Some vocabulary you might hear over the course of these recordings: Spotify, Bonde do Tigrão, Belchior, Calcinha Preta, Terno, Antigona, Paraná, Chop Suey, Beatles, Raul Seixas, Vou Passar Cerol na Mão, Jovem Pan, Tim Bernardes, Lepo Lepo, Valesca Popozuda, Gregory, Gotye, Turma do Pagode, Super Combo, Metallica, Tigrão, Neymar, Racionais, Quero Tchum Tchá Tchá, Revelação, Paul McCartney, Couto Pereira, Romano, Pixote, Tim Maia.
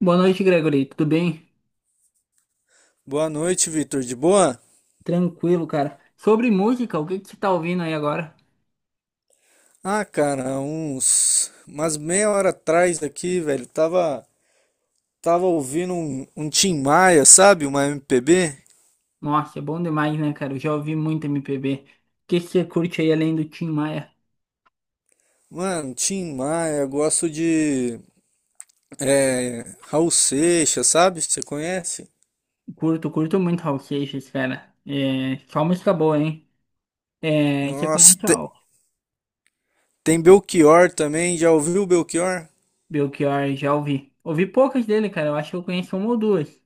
Boa noite, Gregory. Tudo bem? Boa noite, Vitor. De boa? Tranquilo, cara. Sobre música, o que você tá ouvindo aí agora? Ah, cara, uns. Mas meia hora atrás aqui, velho, Tava ouvindo um Tim Maia, sabe? Uma MPB. Nossa, é bom demais, né, cara? Eu já ouvi muito MPB. O que você curte aí além do Tim Maia? Mano, Tim Maia, gosto de. É, Raul Seixas, sabe? Você conhece? Curto muito Raul Seixas, cara. É, só música boa, hein? É, você Nossa, conhece o tem Belchior também. Já ouviu o Belchior? Belchior? Já ouvi. Ouvi poucas dele, cara. Eu acho que eu conheço uma ou duas.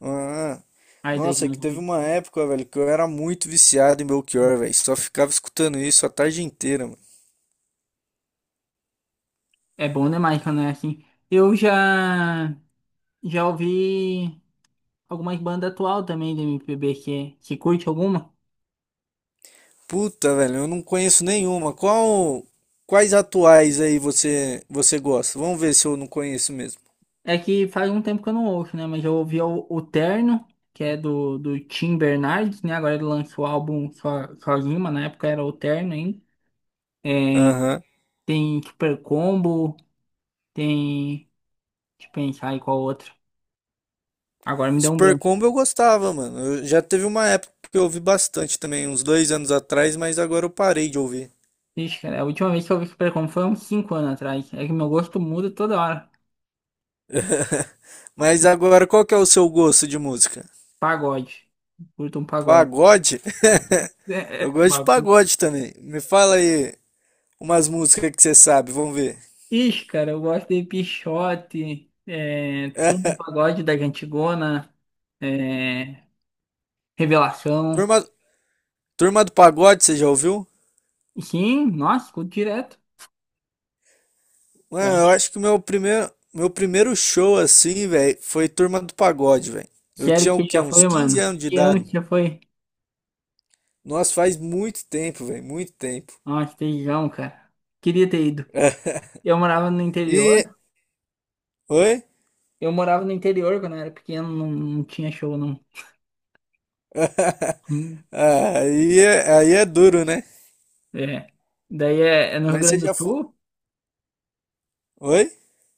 Ah, Ai, das nossa, é mais que teve ouvidas. uma época, velho, que eu era muito viciado em Belchior, velho. Só ficava escutando isso a tarde inteira, mano. É bom demais quando é assim. Eu já, já ouvi algumas bandas atual também de MPB. Você curte alguma? Puta, velho, eu não conheço nenhuma. Quais atuais aí você gosta? Vamos ver se eu não conheço mesmo. É que faz um tempo que eu não ouço, né? Mas eu ouvi o Terno, que é do Tim Bernardes, né? Agora ele lançou o álbum sozinho, mas na época era o Terno ainda. Aham. Tem Super Combo, tem. Deixa eu pensar aí qual outro. Agora me deu um Super branco. Combo eu gostava, mano. Já teve uma época que eu ouvi bastante também, uns 2 anos atrás, mas agora eu parei de ouvir. Ixi, cara, a última vez que eu vi Super Combo foi uns cinco anos atrás. É que meu gosto muda toda hora. Mas O agora, qual que é o seu gosto de música? pagode. Curto um pagode. Pagode? É, Eu é, um gosto de bagulho. pagode também. Me fala aí umas músicas que você sabe, vamos ver. Ixi, cara, eu gosto de Pixote, é, Turma do Pagode da Antigona. Revelação. Turma, Turma do Pagode, você já ouviu? Sim, nossa, escuto direto. Eu Mano, eu acho. acho que o meu primeiro show, assim, velho, foi Turma do Pagode, velho. Eu Sério tinha o que quê? já Uns foi, 15 mano? anos de Que ano idade, que mano. já foi? Nossa, faz muito tempo, velho, muito tempo. Nossa, teijão, cara. Queria ter ido. Eu morava no interior. E. Oi? Eu morava no interior quando eu era pequeno, não tinha show, não. Hum, Aí é duro, né? É. Daí é, é no Rio Mas você Grande do já foi. Sul. Oi?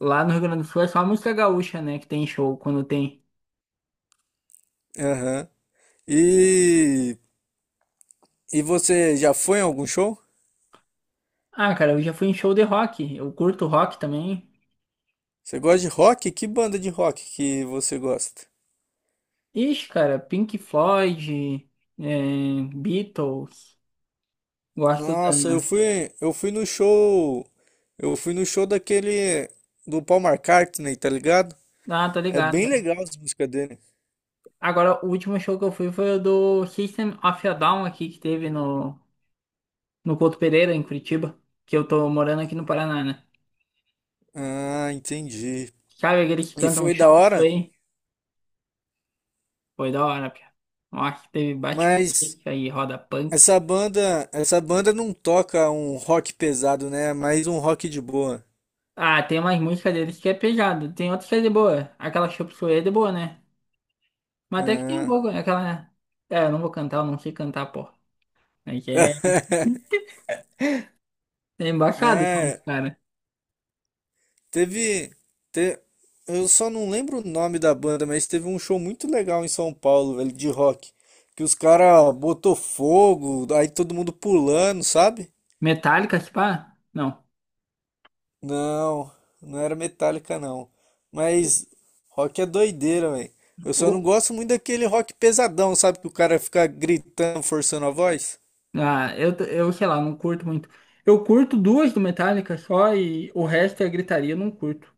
Lá no Rio Grande do Sul é só a música gaúcha, né? Que tem show quando tem. Aham. E. Você já foi em algum show? Ah, cara, eu já fui em show de rock. Eu curto rock também. Você gosta de rock? Que banda de rock que você gosta? Ixi, cara, Pink Floyd, é, Beatles. Gosto Nossa, da. Eu fui no show, daquele do Paul McCartney, tá ligado? Ah, tô É ligado, bem cara. legal as músicas dele. Agora, o último show que eu fui foi o do System of a Down aqui, que teve no Couto Pereira, em Curitiba, que eu tô morando aqui no Paraná, né? Ah, entendi. Sabe aqueles que E cantam foi da Chop hora, Suey? Foi da hora, pia. Nossa, teve mas bate-cabeça e roda punk. Essa banda não toca um rock pesado, né? É mais um rock de boa. Ah, tem umas músicas deles que é pesado, tem outras que é de boa. Aquela Chop Suey é de boa, né? Mas até que tem um Ah. pouco, né? Né? É, eu não vou cantar, eu não sei cantar, pô. Aí que é... É embaçado, como os É. cara. Teve, te- Eu só não lembro o nome da banda, mas teve um show muito legal em São Paulo, velho, de rock. Que os caras botou fogo, aí todo mundo pulando, sabe? Metallica, se pá? Não. Não, não era Metallica, não. Mas rock é doideira, velho. Eu só não O, gosto muito daquele rock pesadão, sabe? Que o cara fica gritando, forçando a voz. Ah, eu, t- Eu sei lá, não curto muito. Eu curto duas do Metallica só e o resto é gritaria, eu não curto.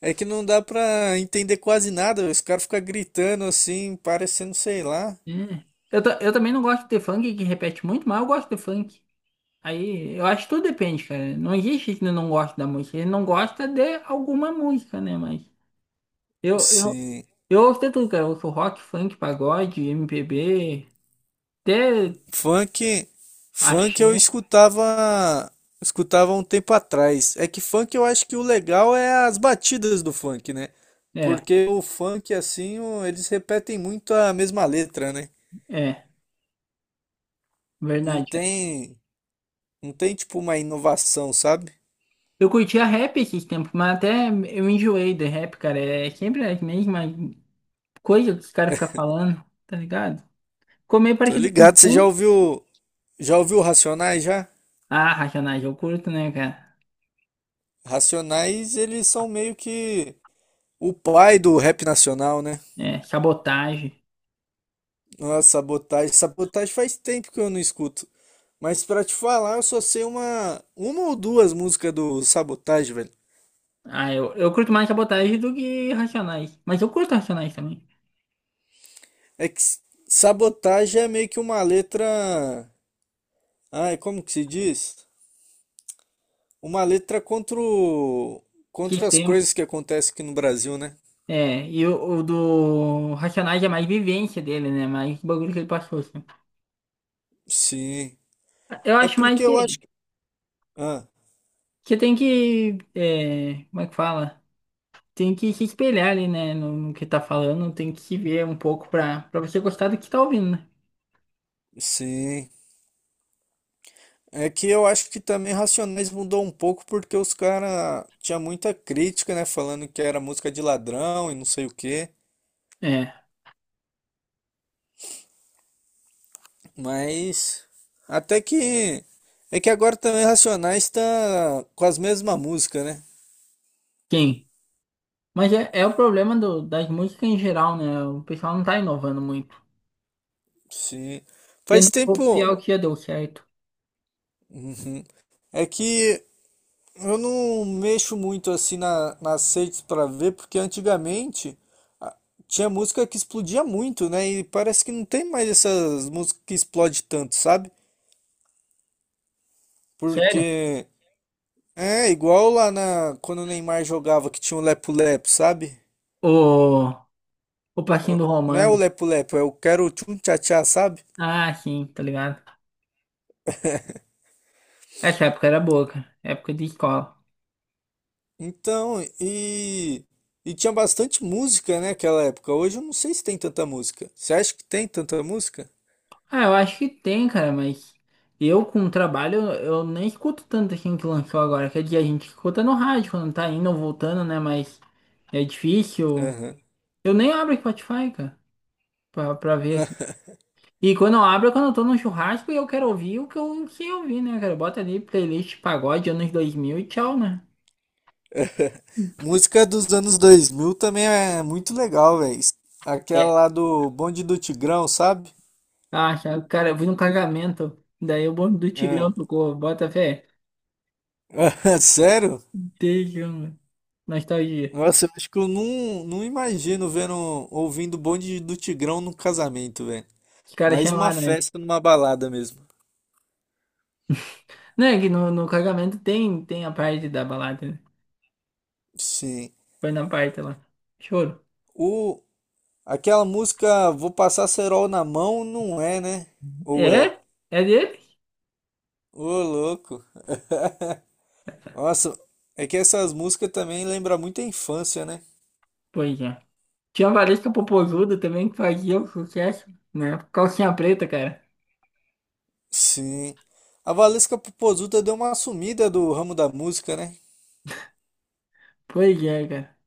É que não dá pra entender quase nada, velho. Os caras ficam gritando assim, parecendo, sei lá. É. Eu também não gosto de funk que repete muito, mas eu gosto de funk. Aí eu acho que tudo depende, cara. Não existe que não gosta da música. Ele não gosta de alguma música, né? Mas eu, eu, Sim. eu ouço de tudo, cara. Eu ouço rock, funk, pagode, MPB, até Funk, funk eu axé. Escutava um tempo atrás. É que funk eu acho que o legal é as batidas do funk, né? É, Porque o funk assim, eles repetem muito a mesma letra, né? é, verdade. Não Cara. tem, não tem tipo uma inovação, sabe? Eu curtia rap esses tempos, mas até eu enjoei de rap, cara. É sempre as mesmas. Coisa que os caras ficam falando, tá ligado? Comer Tô parecido com ligado, funk. Já ouviu Racionais já? Ah, racionais, eu curto, né, cara? Racionais, eles são meio que o pai do rap nacional, né? É, sabotagem. Ah, sabotagem. Sabotagem faz tempo que eu não escuto. Mas pra te falar, eu só sei uma ou duas músicas do Sabotagem, velho. Ah, eu curto mais sabotagem do que racionais. Mas eu curto racionais também. É que s- Sabotagem é meio que uma letra. Ai, como que se diz? Uma letra Que contra as tempo. coisas que acontecem aqui no Brasil, né? É, e o do Racionais é mais vivência dele, né? Mais bagulho que ele passou, assim. Sim. Eu É acho porque mais que eu acho que. Ah, você tem que. É, como é que fala? Tem que se espelhar ali, né? No que tá falando, tem que se ver um pouco pra você gostar do que tá ouvindo, né? sim. É que eu acho que também Racionais mudou um pouco porque os caras tinha muita crítica, né? Falando que era música de ladrão e não sei o quê. É. Mas até que é que agora também Racionais tá com as mesmas músicas, né? Quem? Mas é o problema do- das músicas em geral, né? O pessoal não tá inovando muito. Sim. Tendo Faz tempo. copiar o que já deu certo. Uhum. É que eu não mexo muito assim nas redes pra ver, porque antigamente a- tinha música que explodia muito, né? E parece que não tem mais essas músicas que explodem tanto, sabe? Sério? Porque é igual lá na quando o Neymar jogava que tinha o Lepo Lepo, sabe? O, o passinho Ó, do não é o Romano. Lepo Lepo, é o Quero Tchum Tchá Tchá, sabe? Ah, sim, tá ligado? Essa época era boa, cara. Época de escola. Então, e tinha bastante música, né, naquela época. Hoje eu não sei se tem tanta música. Você acha que tem tanta música? Ah, eu acho que tem, cara, mas eu com o trabalho, eu nem escuto tanto assim que lançou agora. Quer dizer, a gente escuta no rádio quando tá indo ou voltando, né? Mas é difícil. Aham. Eu nem abro Spotify, cara, pra ver. E quando eu abro, é quando eu tô num churrasco e eu quero ouvir o que eu ouvir, né, cara? Bota ali playlist pagode anos 2000 e tchau, né? Música dos anos 2000 também é muito legal, velho. Aquela É, lá do Bonde do Tigrão, sabe? Ah, já- cara, eu fui num casamento, daí o bonde do É. Tigrão tocou, bota fé. Sério? Tejão, mano. Nostalgia. Nossa, eu acho que eu não imagino vendo, ouvindo o Bonde do Tigrão num casamento, velho. Os caras Mais uma chamaram ele. festa numa balada mesmo. Não, é que no casamento tem, tem a parte da balada, né? Sim. Foi na parte lá. Choro. O, Aquela música Vou Passar Cerol na Mão não é, né? Ou é? É? É dele? Ô, louco. Nossa, é que essas músicas também lembram muito a infância, né? Pois é. Tinha a Valesca Popozuda também que fazia o sucesso, né? Calcinha preta, cara. Sim. A Valesca Popozuda deu uma sumida do ramo da música, né? Pois é, cara.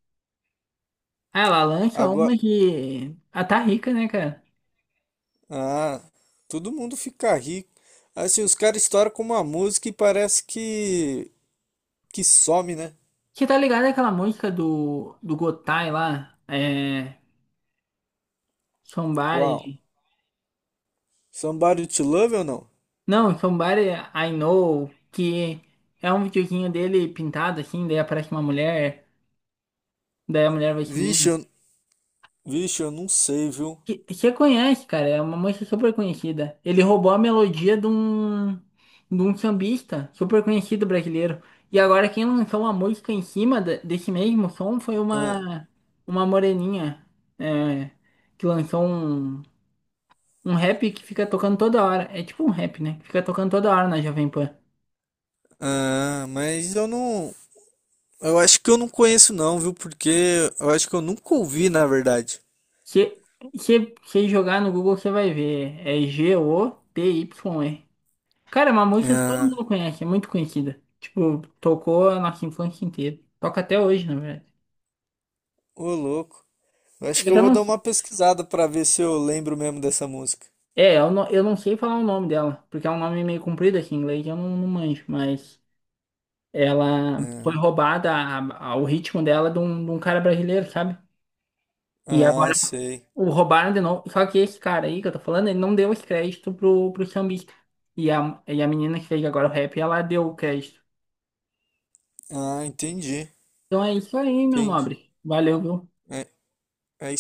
Ah, ela lança Agora. uma que. Ah, tá rica, né, cara? Ah, todo mundo fica rico. Assim, os caras estouram com uma música e parece que some, né? Você tá ligado àquela música do Gotye lá? É. Qual? Somebody. Somebody to Love ou não? Não, Somebody I Know, que é um videozinho dele pintado assim, daí aparece uma mulher, daí a mulher vai Vixe, sumindo. eu, vixe, eu não sei, viu? Que- Você conhece, cara, é uma música super conhecida. Ele roubou a melodia de um sambista super conhecido brasileiro. E agora quem lançou uma música em cima da- desse mesmo som foi Ah. Uma moreninha, é, que lançou um, um rap que fica tocando toda hora. É tipo um rap, né? Que fica tocando toda hora na Jovem Pan. Mas eu não. Eu acho que eu não conheço, não, viu? Porque eu acho que eu nunca ouvi, na verdade. Se você jogar no Google, você vai ver. É Gotye. Cara, é uma música que todo Ah, mundo conhece, é muito conhecida. Tipo, tocou a nossa infância inteira. Toca até hoje, na verdade. ô louco. Eu acho É que que eu eu vou não, dar uma pesquisada pra ver se eu lembro mesmo dessa música. é, eu não sei falar o nome dela, porque é um nome meio comprido aqui em inglês, eu não, não manjo, mas ela foi roubada, o ritmo dela, de um cara brasileiro, sabe? E Ah, agora ah, sei. o roubaram de novo. Só que esse cara aí que eu tô falando, ele não deu esse crédito pro sambista. E e a menina que fez agora o rap, ela deu o crédito. Ah, entendi. Então é isso aí, meu Entendi. nobre. Valeu, viu? É, aí